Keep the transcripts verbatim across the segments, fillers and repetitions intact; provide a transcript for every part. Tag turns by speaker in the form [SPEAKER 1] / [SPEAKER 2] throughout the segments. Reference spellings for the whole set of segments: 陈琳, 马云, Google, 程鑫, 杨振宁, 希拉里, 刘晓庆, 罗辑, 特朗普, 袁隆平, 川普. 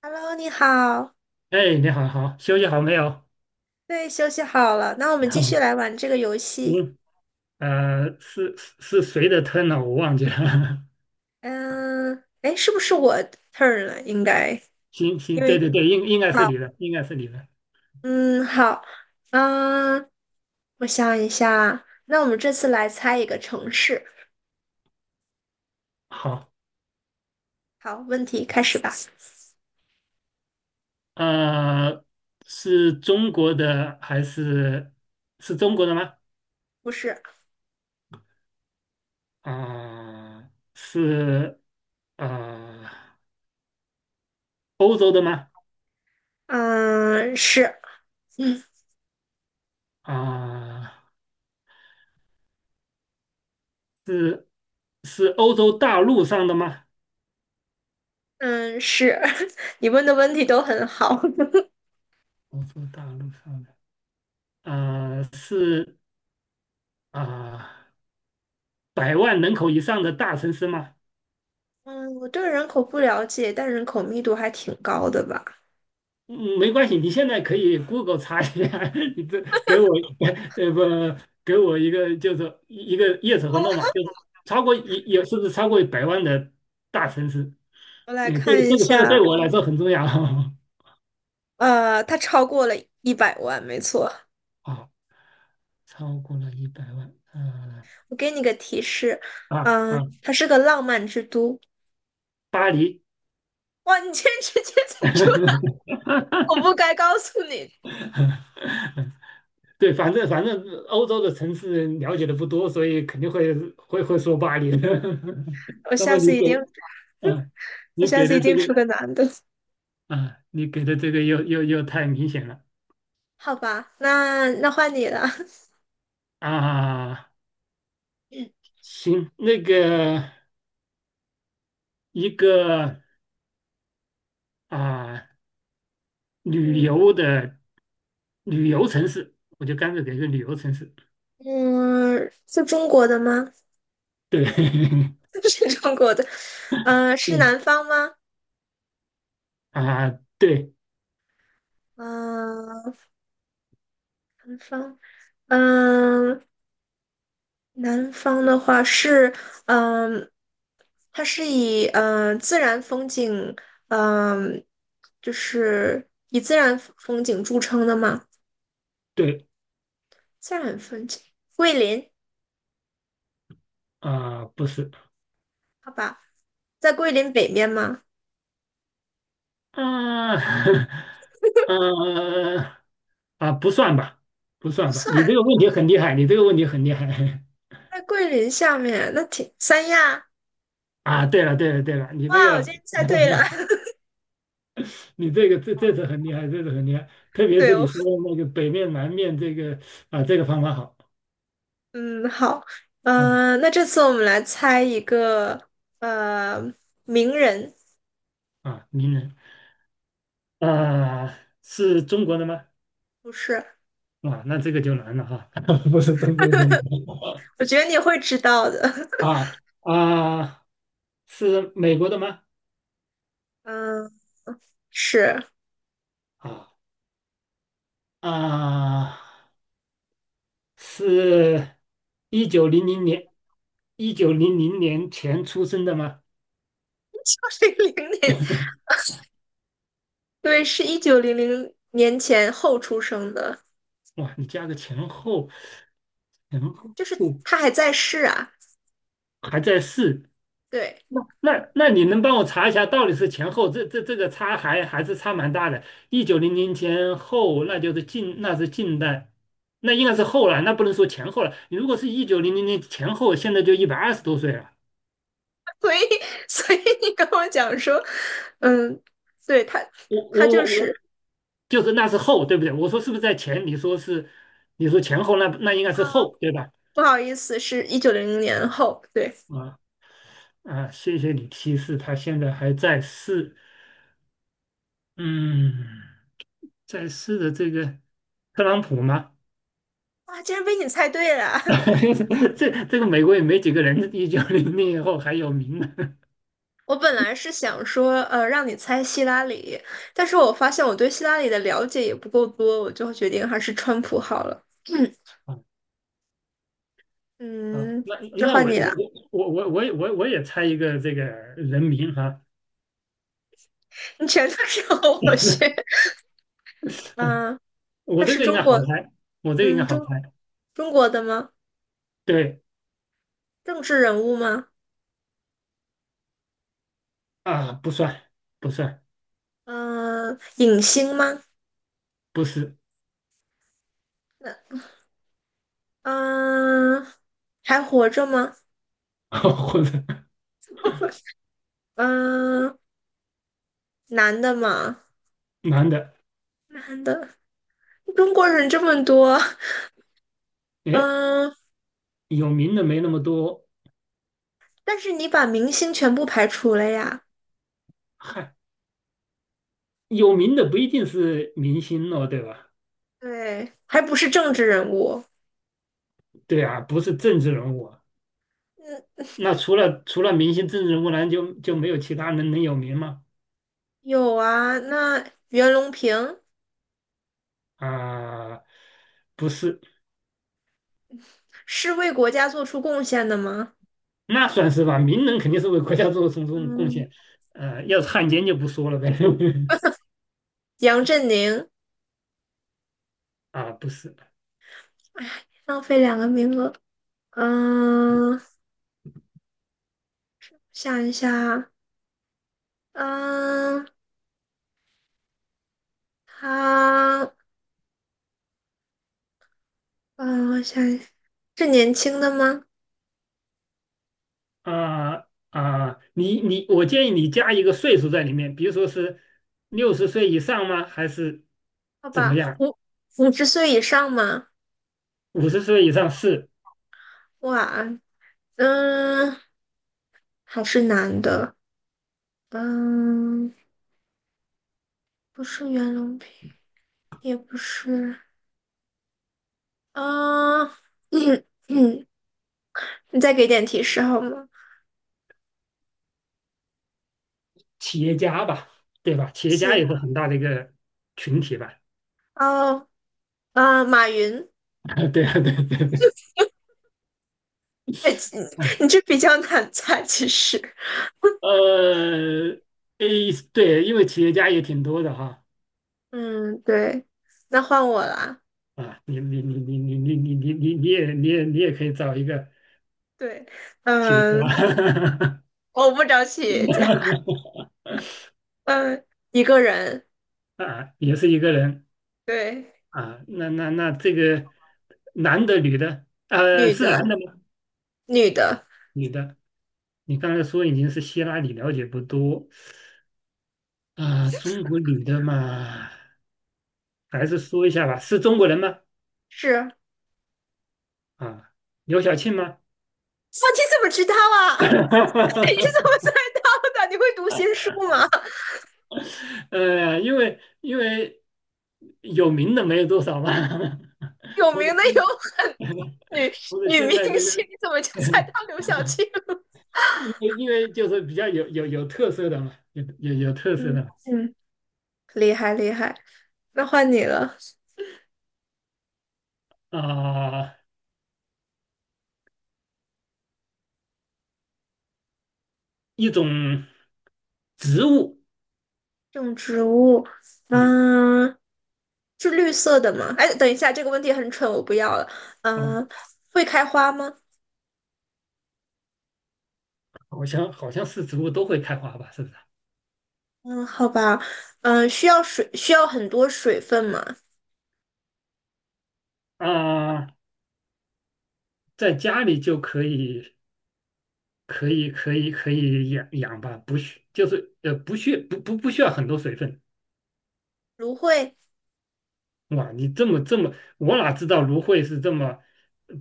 [SPEAKER 1] Hello，你好，
[SPEAKER 2] 哎，你好，好，休息好没有？
[SPEAKER 1] 对，休息好了，那我们继续 来玩这个游戏。
[SPEAKER 2] 嗯，呃，是是是谁的 turn 呢？我忘记了。
[SPEAKER 1] 嗯，哎，是不是我 turn 了？应该，
[SPEAKER 2] 行
[SPEAKER 1] 因
[SPEAKER 2] 行，对
[SPEAKER 1] 为
[SPEAKER 2] 对对，应应该是
[SPEAKER 1] 好，
[SPEAKER 2] 你的，应该是你的。
[SPEAKER 1] 嗯，好，嗯，我想一下，那我们这次来猜一个城市。
[SPEAKER 2] 好，
[SPEAKER 1] 好，问题开始吧。
[SPEAKER 2] 呃，是中国的还是是中国的吗？
[SPEAKER 1] 不是，
[SPEAKER 2] 啊、是呃欧洲的吗？
[SPEAKER 1] 嗯，是，嗯
[SPEAKER 2] 啊、是是欧洲大陆上的吗？
[SPEAKER 1] 嗯是，你问的问题都很好。
[SPEAKER 2] 欧洲大陆上的，呃，是啊。百万人口以上的大城市吗？
[SPEAKER 1] 嗯，我对人口不了解，但人口密度还挺高的吧？
[SPEAKER 2] 嗯，没关系，你现在可以 Google 查一下。你这给我呃不给我一个就是一个 yes 和 no 嘛，就是超过也也是不是超过百万的大城市？
[SPEAKER 1] 我来
[SPEAKER 2] 嗯，这
[SPEAKER 1] 看
[SPEAKER 2] 个
[SPEAKER 1] 一
[SPEAKER 2] 这个这个
[SPEAKER 1] 下，
[SPEAKER 2] 对我来说很重要。
[SPEAKER 1] 呃，它超过了一百万，没错。
[SPEAKER 2] 好，超过了一百万，嗯、
[SPEAKER 1] 我给你个提示，
[SPEAKER 2] 啊
[SPEAKER 1] 嗯、
[SPEAKER 2] 啊，
[SPEAKER 1] 它是个浪漫之都。
[SPEAKER 2] 巴黎。
[SPEAKER 1] 哇，你竟然直接猜出来，我 不该告诉你。
[SPEAKER 2] 对，反正反正欧洲的城市了解的不多，所以肯定会会会说巴黎的。
[SPEAKER 1] 我
[SPEAKER 2] 那么
[SPEAKER 1] 下次
[SPEAKER 2] 你
[SPEAKER 1] 一
[SPEAKER 2] 给，
[SPEAKER 1] 定，
[SPEAKER 2] 嗯，
[SPEAKER 1] 我
[SPEAKER 2] 你
[SPEAKER 1] 下
[SPEAKER 2] 给
[SPEAKER 1] 次一
[SPEAKER 2] 的这
[SPEAKER 1] 定
[SPEAKER 2] 个，
[SPEAKER 1] 出个男的。
[SPEAKER 2] 啊，你给的这个又又又太明显了
[SPEAKER 1] 好吧，那那换你了。
[SPEAKER 2] 啊！行，那个一个啊，旅
[SPEAKER 1] 嗯
[SPEAKER 2] 游的旅游城市，我就干脆给个旅游城市。
[SPEAKER 1] 嗯，是中国的吗？
[SPEAKER 2] 对。
[SPEAKER 1] 是中国的。嗯、是
[SPEAKER 2] 嗯
[SPEAKER 1] 南方吗？
[SPEAKER 2] 啊，对
[SPEAKER 1] 嗯、南方。嗯、南方的话是，嗯，它是以嗯自然风景，嗯，就是以自然风景著称的吗？
[SPEAKER 2] 对
[SPEAKER 1] 自然风景，桂林，
[SPEAKER 2] 啊，不是
[SPEAKER 1] 好吧，在桂林北面吗？
[SPEAKER 2] 啊。呃啊，不算吧，不
[SPEAKER 1] 不
[SPEAKER 2] 算吧。
[SPEAKER 1] 算，
[SPEAKER 2] 你这个问题很厉害，你这个问题很厉害。
[SPEAKER 1] 在桂林下面，那挺三亚。
[SPEAKER 2] 啊！对了对了对了，你这
[SPEAKER 1] 哇，我今
[SPEAKER 2] 个。
[SPEAKER 1] 天猜对了，
[SPEAKER 2] 你这个这这次很厉害，这次很厉害，特 别
[SPEAKER 1] 对
[SPEAKER 2] 是
[SPEAKER 1] 哦，
[SPEAKER 2] 你说的那个北面南面这个啊，这个方法好。
[SPEAKER 1] 嗯，好，
[SPEAKER 2] 嗯
[SPEAKER 1] 嗯，那这次我们来猜一个，呃，名人，
[SPEAKER 2] 啊，名人啊，是中国的吗？
[SPEAKER 1] 不是，
[SPEAKER 2] 啊，那这个就难了哈。不是中国的
[SPEAKER 1] 我觉得你会知道的，
[SPEAKER 2] 啊啊，是美国的吗？
[SPEAKER 1] 嗯。是
[SPEAKER 2] 啊啊，是一九零零年一九零零年前出生的吗？
[SPEAKER 1] 九零 零年，对，是一九零零年前后出生的，
[SPEAKER 2] 哇，你加个前后，前后
[SPEAKER 1] 就是他还在世啊。
[SPEAKER 2] 还在世。
[SPEAKER 1] 对，
[SPEAKER 2] 那那那你能帮我查一下，到底是前后这这这个差还还是差蛮大的。一九零零前后，那就是近那是近代，那应该是后了，那不能说前后了。你如果是一九零零年前后，现在就一百二十多岁了。
[SPEAKER 1] 所以所以你跟我讲说，嗯，对他
[SPEAKER 2] 我
[SPEAKER 1] 他
[SPEAKER 2] 我
[SPEAKER 1] 就
[SPEAKER 2] 我我，
[SPEAKER 1] 是
[SPEAKER 2] 就是那是后，对不对？我说是不是在前？你说是，你说前后，那那应该是
[SPEAKER 1] 啊，
[SPEAKER 2] 后，对吧？
[SPEAKER 1] 不好意思，是一九零零年后。对，
[SPEAKER 2] 啊啊，谢谢你提示，他现在还在世，嗯，在世的这个特朗普吗？
[SPEAKER 1] 哇，竟然被你猜对了。
[SPEAKER 2] 这这个美国也没几个人一九零零以后还有名呢。
[SPEAKER 1] 我本来是想说，呃，让你猜希拉里，但是我发现我对希拉里的了解也不够多，我就决定还是川普好了。
[SPEAKER 2] 啊 啊，
[SPEAKER 1] 嗯，
[SPEAKER 2] 那
[SPEAKER 1] 那
[SPEAKER 2] 那我
[SPEAKER 1] 换你了。
[SPEAKER 2] 我我我我我也我我也猜一个这个人名哈、
[SPEAKER 1] 你全都是和我学。嗯，
[SPEAKER 2] 我
[SPEAKER 1] 他
[SPEAKER 2] 这
[SPEAKER 1] 是
[SPEAKER 2] 个应该
[SPEAKER 1] 中国，
[SPEAKER 2] 好猜，我这个应该
[SPEAKER 1] 嗯，
[SPEAKER 2] 好
[SPEAKER 1] 中
[SPEAKER 2] 猜。
[SPEAKER 1] 中国的吗？
[SPEAKER 2] 对
[SPEAKER 1] 政治人物吗？
[SPEAKER 2] 啊，不算不算，
[SPEAKER 1] 嗯，影星吗？
[SPEAKER 2] 不是。
[SPEAKER 1] 那嗯，还活着吗？
[SPEAKER 2] 或者
[SPEAKER 1] 嗯，男的吗？
[SPEAKER 2] 男的。
[SPEAKER 1] 男的。中国人这么多，
[SPEAKER 2] 哎，
[SPEAKER 1] 嗯，
[SPEAKER 2] 有名的没那么多。
[SPEAKER 1] 但是你把明星全部排除了呀？
[SPEAKER 2] 嗨，有名的不一定是明星哦，对吧？
[SPEAKER 1] 对，还不是政治人物。
[SPEAKER 2] 对啊，不是政治人物啊。
[SPEAKER 1] 嗯，
[SPEAKER 2] 那除了除了明星、政治人物，难就就没有其他人能有名吗？
[SPEAKER 1] 有啊，那袁隆平
[SPEAKER 2] 啊、不是，
[SPEAKER 1] 是为国家做出贡献的吗？
[SPEAKER 2] 那算是吧。名人肯定是为国家做出种贡
[SPEAKER 1] 嗯，
[SPEAKER 2] 献，呃，要是汉奸就不说了呗。
[SPEAKER 1] 杨振宁。
[SPEAKER 2] 啊，不是，
[SPEAKER 1] 哎，浪费两个名额。嗯，想一下，嗯，他，嗯，我想一下，是年轻的吗？
[SPEAKER 2] 啊啊，你你，我建议你加一个岁数在里面，比如说是六十岁以上吗？还是
[SPEAKER 1] 好
[SPEAKER 2] 怎么
[SPEAKER 1] 吧，
[SPEAKER 2] 样？
[SPEAKER 1] 五五十岁以上吗？
[SPEAKER 2] 五十岁以上是
[SPEAKER 1] 哇，嗯，还是男的。嗯，不是袁隆平，也不是。嗯，嗯嗯，你再给点提示好吗？
[SPEAKER 2] 企业家吧，对吧？企业家
[SPEAKER 1] 七，
[SPEAKER 2] 也是很大的一个群体吧。
[SPEAKER 1] 哦，啊，马云。
[SPEAKER 2] 啊对啊，对对对。
[SPEAKER 1] 哎，你你 这比较难猜，其实。
[SPEAKER 2] 呃，诶，对，因为企业家也挺多的哈。
[SPEAKER 1] 嗯，对，那换我啦。
[SPEAKER 2] 啊，你你你你你你你你你你也你也你也可以找一个
[SPEAKER 1] 对，
[SPEAKER 2] 企业
[SPEAKER 1] 嗯，
[SPEAKER 2] 家。
[SPEAKER 1] 我不找企业家，嗯，一个人，
[SPEAKER 2] 啊，也是一个人
[SPEAKER 1] 对，
[SPEAKER 2] 啊，那那那这个男的女的，呃，
[SPEAKER 1] 女
[SPEAKER 2] 是男
[SPEAKER 1] 的，
[SPEAKER 2] 的吗？
[SPEAKER 1] 女的，
[SPEAKER 2] 女的，你刚才说已经是希拉里了解不多啊，中国女的嘛，还是说一下吧，是中国人吗？
[SPEAKER 1] 是。
[SPEAKER 2] 啊，刘晓庆吗？
[SPEAKER 1] 哇，你怎么知道啊？你怎么 猜到的？你会读心术吗？
[SPEAKER 2] 呃，因为因为有名的没有多少吧。
[SPEAKER 1] 有
[SPEAKER 2] 或者
[SPEAKER 1] 名的
[SPEAKER 2] 现
[SPEAKER 1] 有
[SPEAKER 2] 在
[SPEAKER 1] 女
[SPEAKER 2] 或者
[SPEAKER 1] 女
[SPEAKER 2] 现
[SPEAKER 1] 明
[SPEAKER 2] 在这个。
[SPEAKER 1] 星，你怎么就猜到刘晓庆了
[SPEAKER 2] 因为因为就是比较有有有特色的嘛，有有有特 色
[SPEAKER 1] 嗯
[SPEAKER 2] 的
[SPEAKER 1] 嗯，厉害厉害。那换你了，
[SPEAKER 2] 啊、一种植物，
[SPEAKER 1] 种植物，
[SPEAKER 2] 嗯
[SPEAKER 1] 嗯，是绿色的吗？哎，等一下，这个问题很蠢，我不要了。
[SPEAKER 2] 嗯，
[SPEAKER 1] 嗯，会开花吗？
[SPEAKER 2] 好像好像是植物都会开花吧，是不是？
[SPEAKER 1] 嗯，好吧。嗯，需要水，需要很多水分吗？
[SPEAKER 2] 啊、在家里就可以可以可以可以养养吧，不需就是呃不需不不不需要很多水分。
[SPEAKER 1] 芦荟、
[SPEAKER 2] 哇，你这么这么，我哪知道芦荟是这么，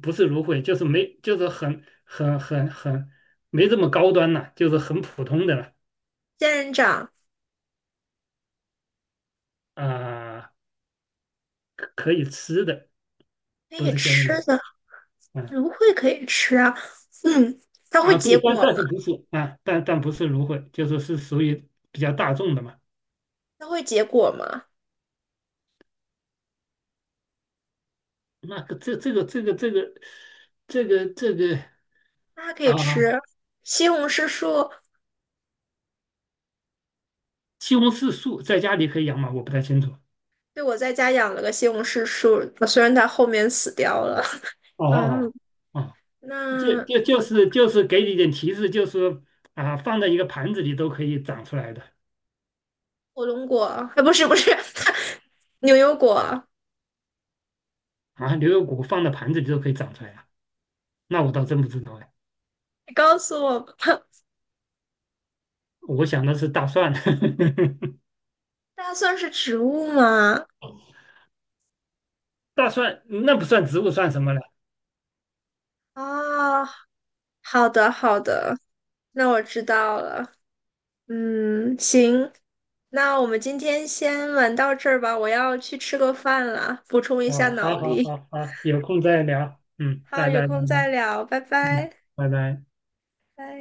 [SPEAKER 2] 不是芦荟，就是没就是很很很很没这么高端呐、就是很普通的了
[SPEAKER 1] 仙人掌
[SPEAKER 2] 啊。可可以吃的，
[SPEAKER 1] 可
[SPEAKER 2] 不
[SPEAKER 1] 以
[SPEAKER 2] 是仙人
[SPEAKER 1] 吃
[SPEAKER 2] 掌。
[SPEAKER 1] 的，
[SPEAKER 2] 啊
[SPEAKER 1] 芦荟可以吃啊。嗯，它会
[SPEAKER 2] 啊，
[SPEAKER 1] 结
[SPEAKER 2] 对，但
[SPEAKER 1] 果吗？
[SPEAKER 2] 但是不是啊，但但不是芦荟，就是是属于比较大众的嘛。
[SPEAKER 1] 它会结果吗？
[SPEAKER 2] 那个这这个这个这个这个这个
[SPEAKER 1] 它还可以
[SPEAKER 2] 啊，
[SPEAKER 1] 吃。西红柿树，
[SPEAKER 2] 西红柿树在家里可以养吗？我不太清楚。
[SPEAKER 1] 对，我在家养了个西红柿树，虽然它后面死掉了。
[SPEAKER 2] 哦
[SPEAKER 1] 嗯，
[SPEAKER 2] 哦哦，就
[SPEAKER 1] 那
[SPEAKER 2] 就就是就是给你一点提示，就是啊，放在一个盘子里都可以长出来的
[SPEAKER 1] 火龙果，哎，不是不是，牛油果，
[SPEAKER 2] 啊，牛油果放在盘子里都可以长出来啊。那我倒真不知道哎，
[SPEAKER 1] 你告诉我吧。
[SPEAKER 2] 我想的是大蒜。
[SPEAKER 1] 大蒜是植物吗？
[SPEAKER 2] 大蒜那不算植物，算什么呢？
[SPEAKER 1] 啊，好的好的，那我知道了。嗯，行，那我们今天先玩到这儿吧，我要去吃个饭了，补充一下
[SPEAKER 2] 哦，
[SPEAKER 1] 脑
[SPEAKER 2] 好好
[SPEAKER 1] 力。
[SPEAKER 2] 好好，有空再聊，嗯，
[SPEAKER 1] 好，
[SPEAKER 2] 拜
[SPEAKER 1] 有
[SPEAKER 2] 拜拜
[SPEAKER 1] 空再
[SPEAKER 2] 拜，
[SPEAKER 1] 聊，拜
[SPEAKER 2] 嗯，
[SPEAKER 1] 拜，
[SPEAKER 2] 拜拜。
[SPEAKER 1] 拜。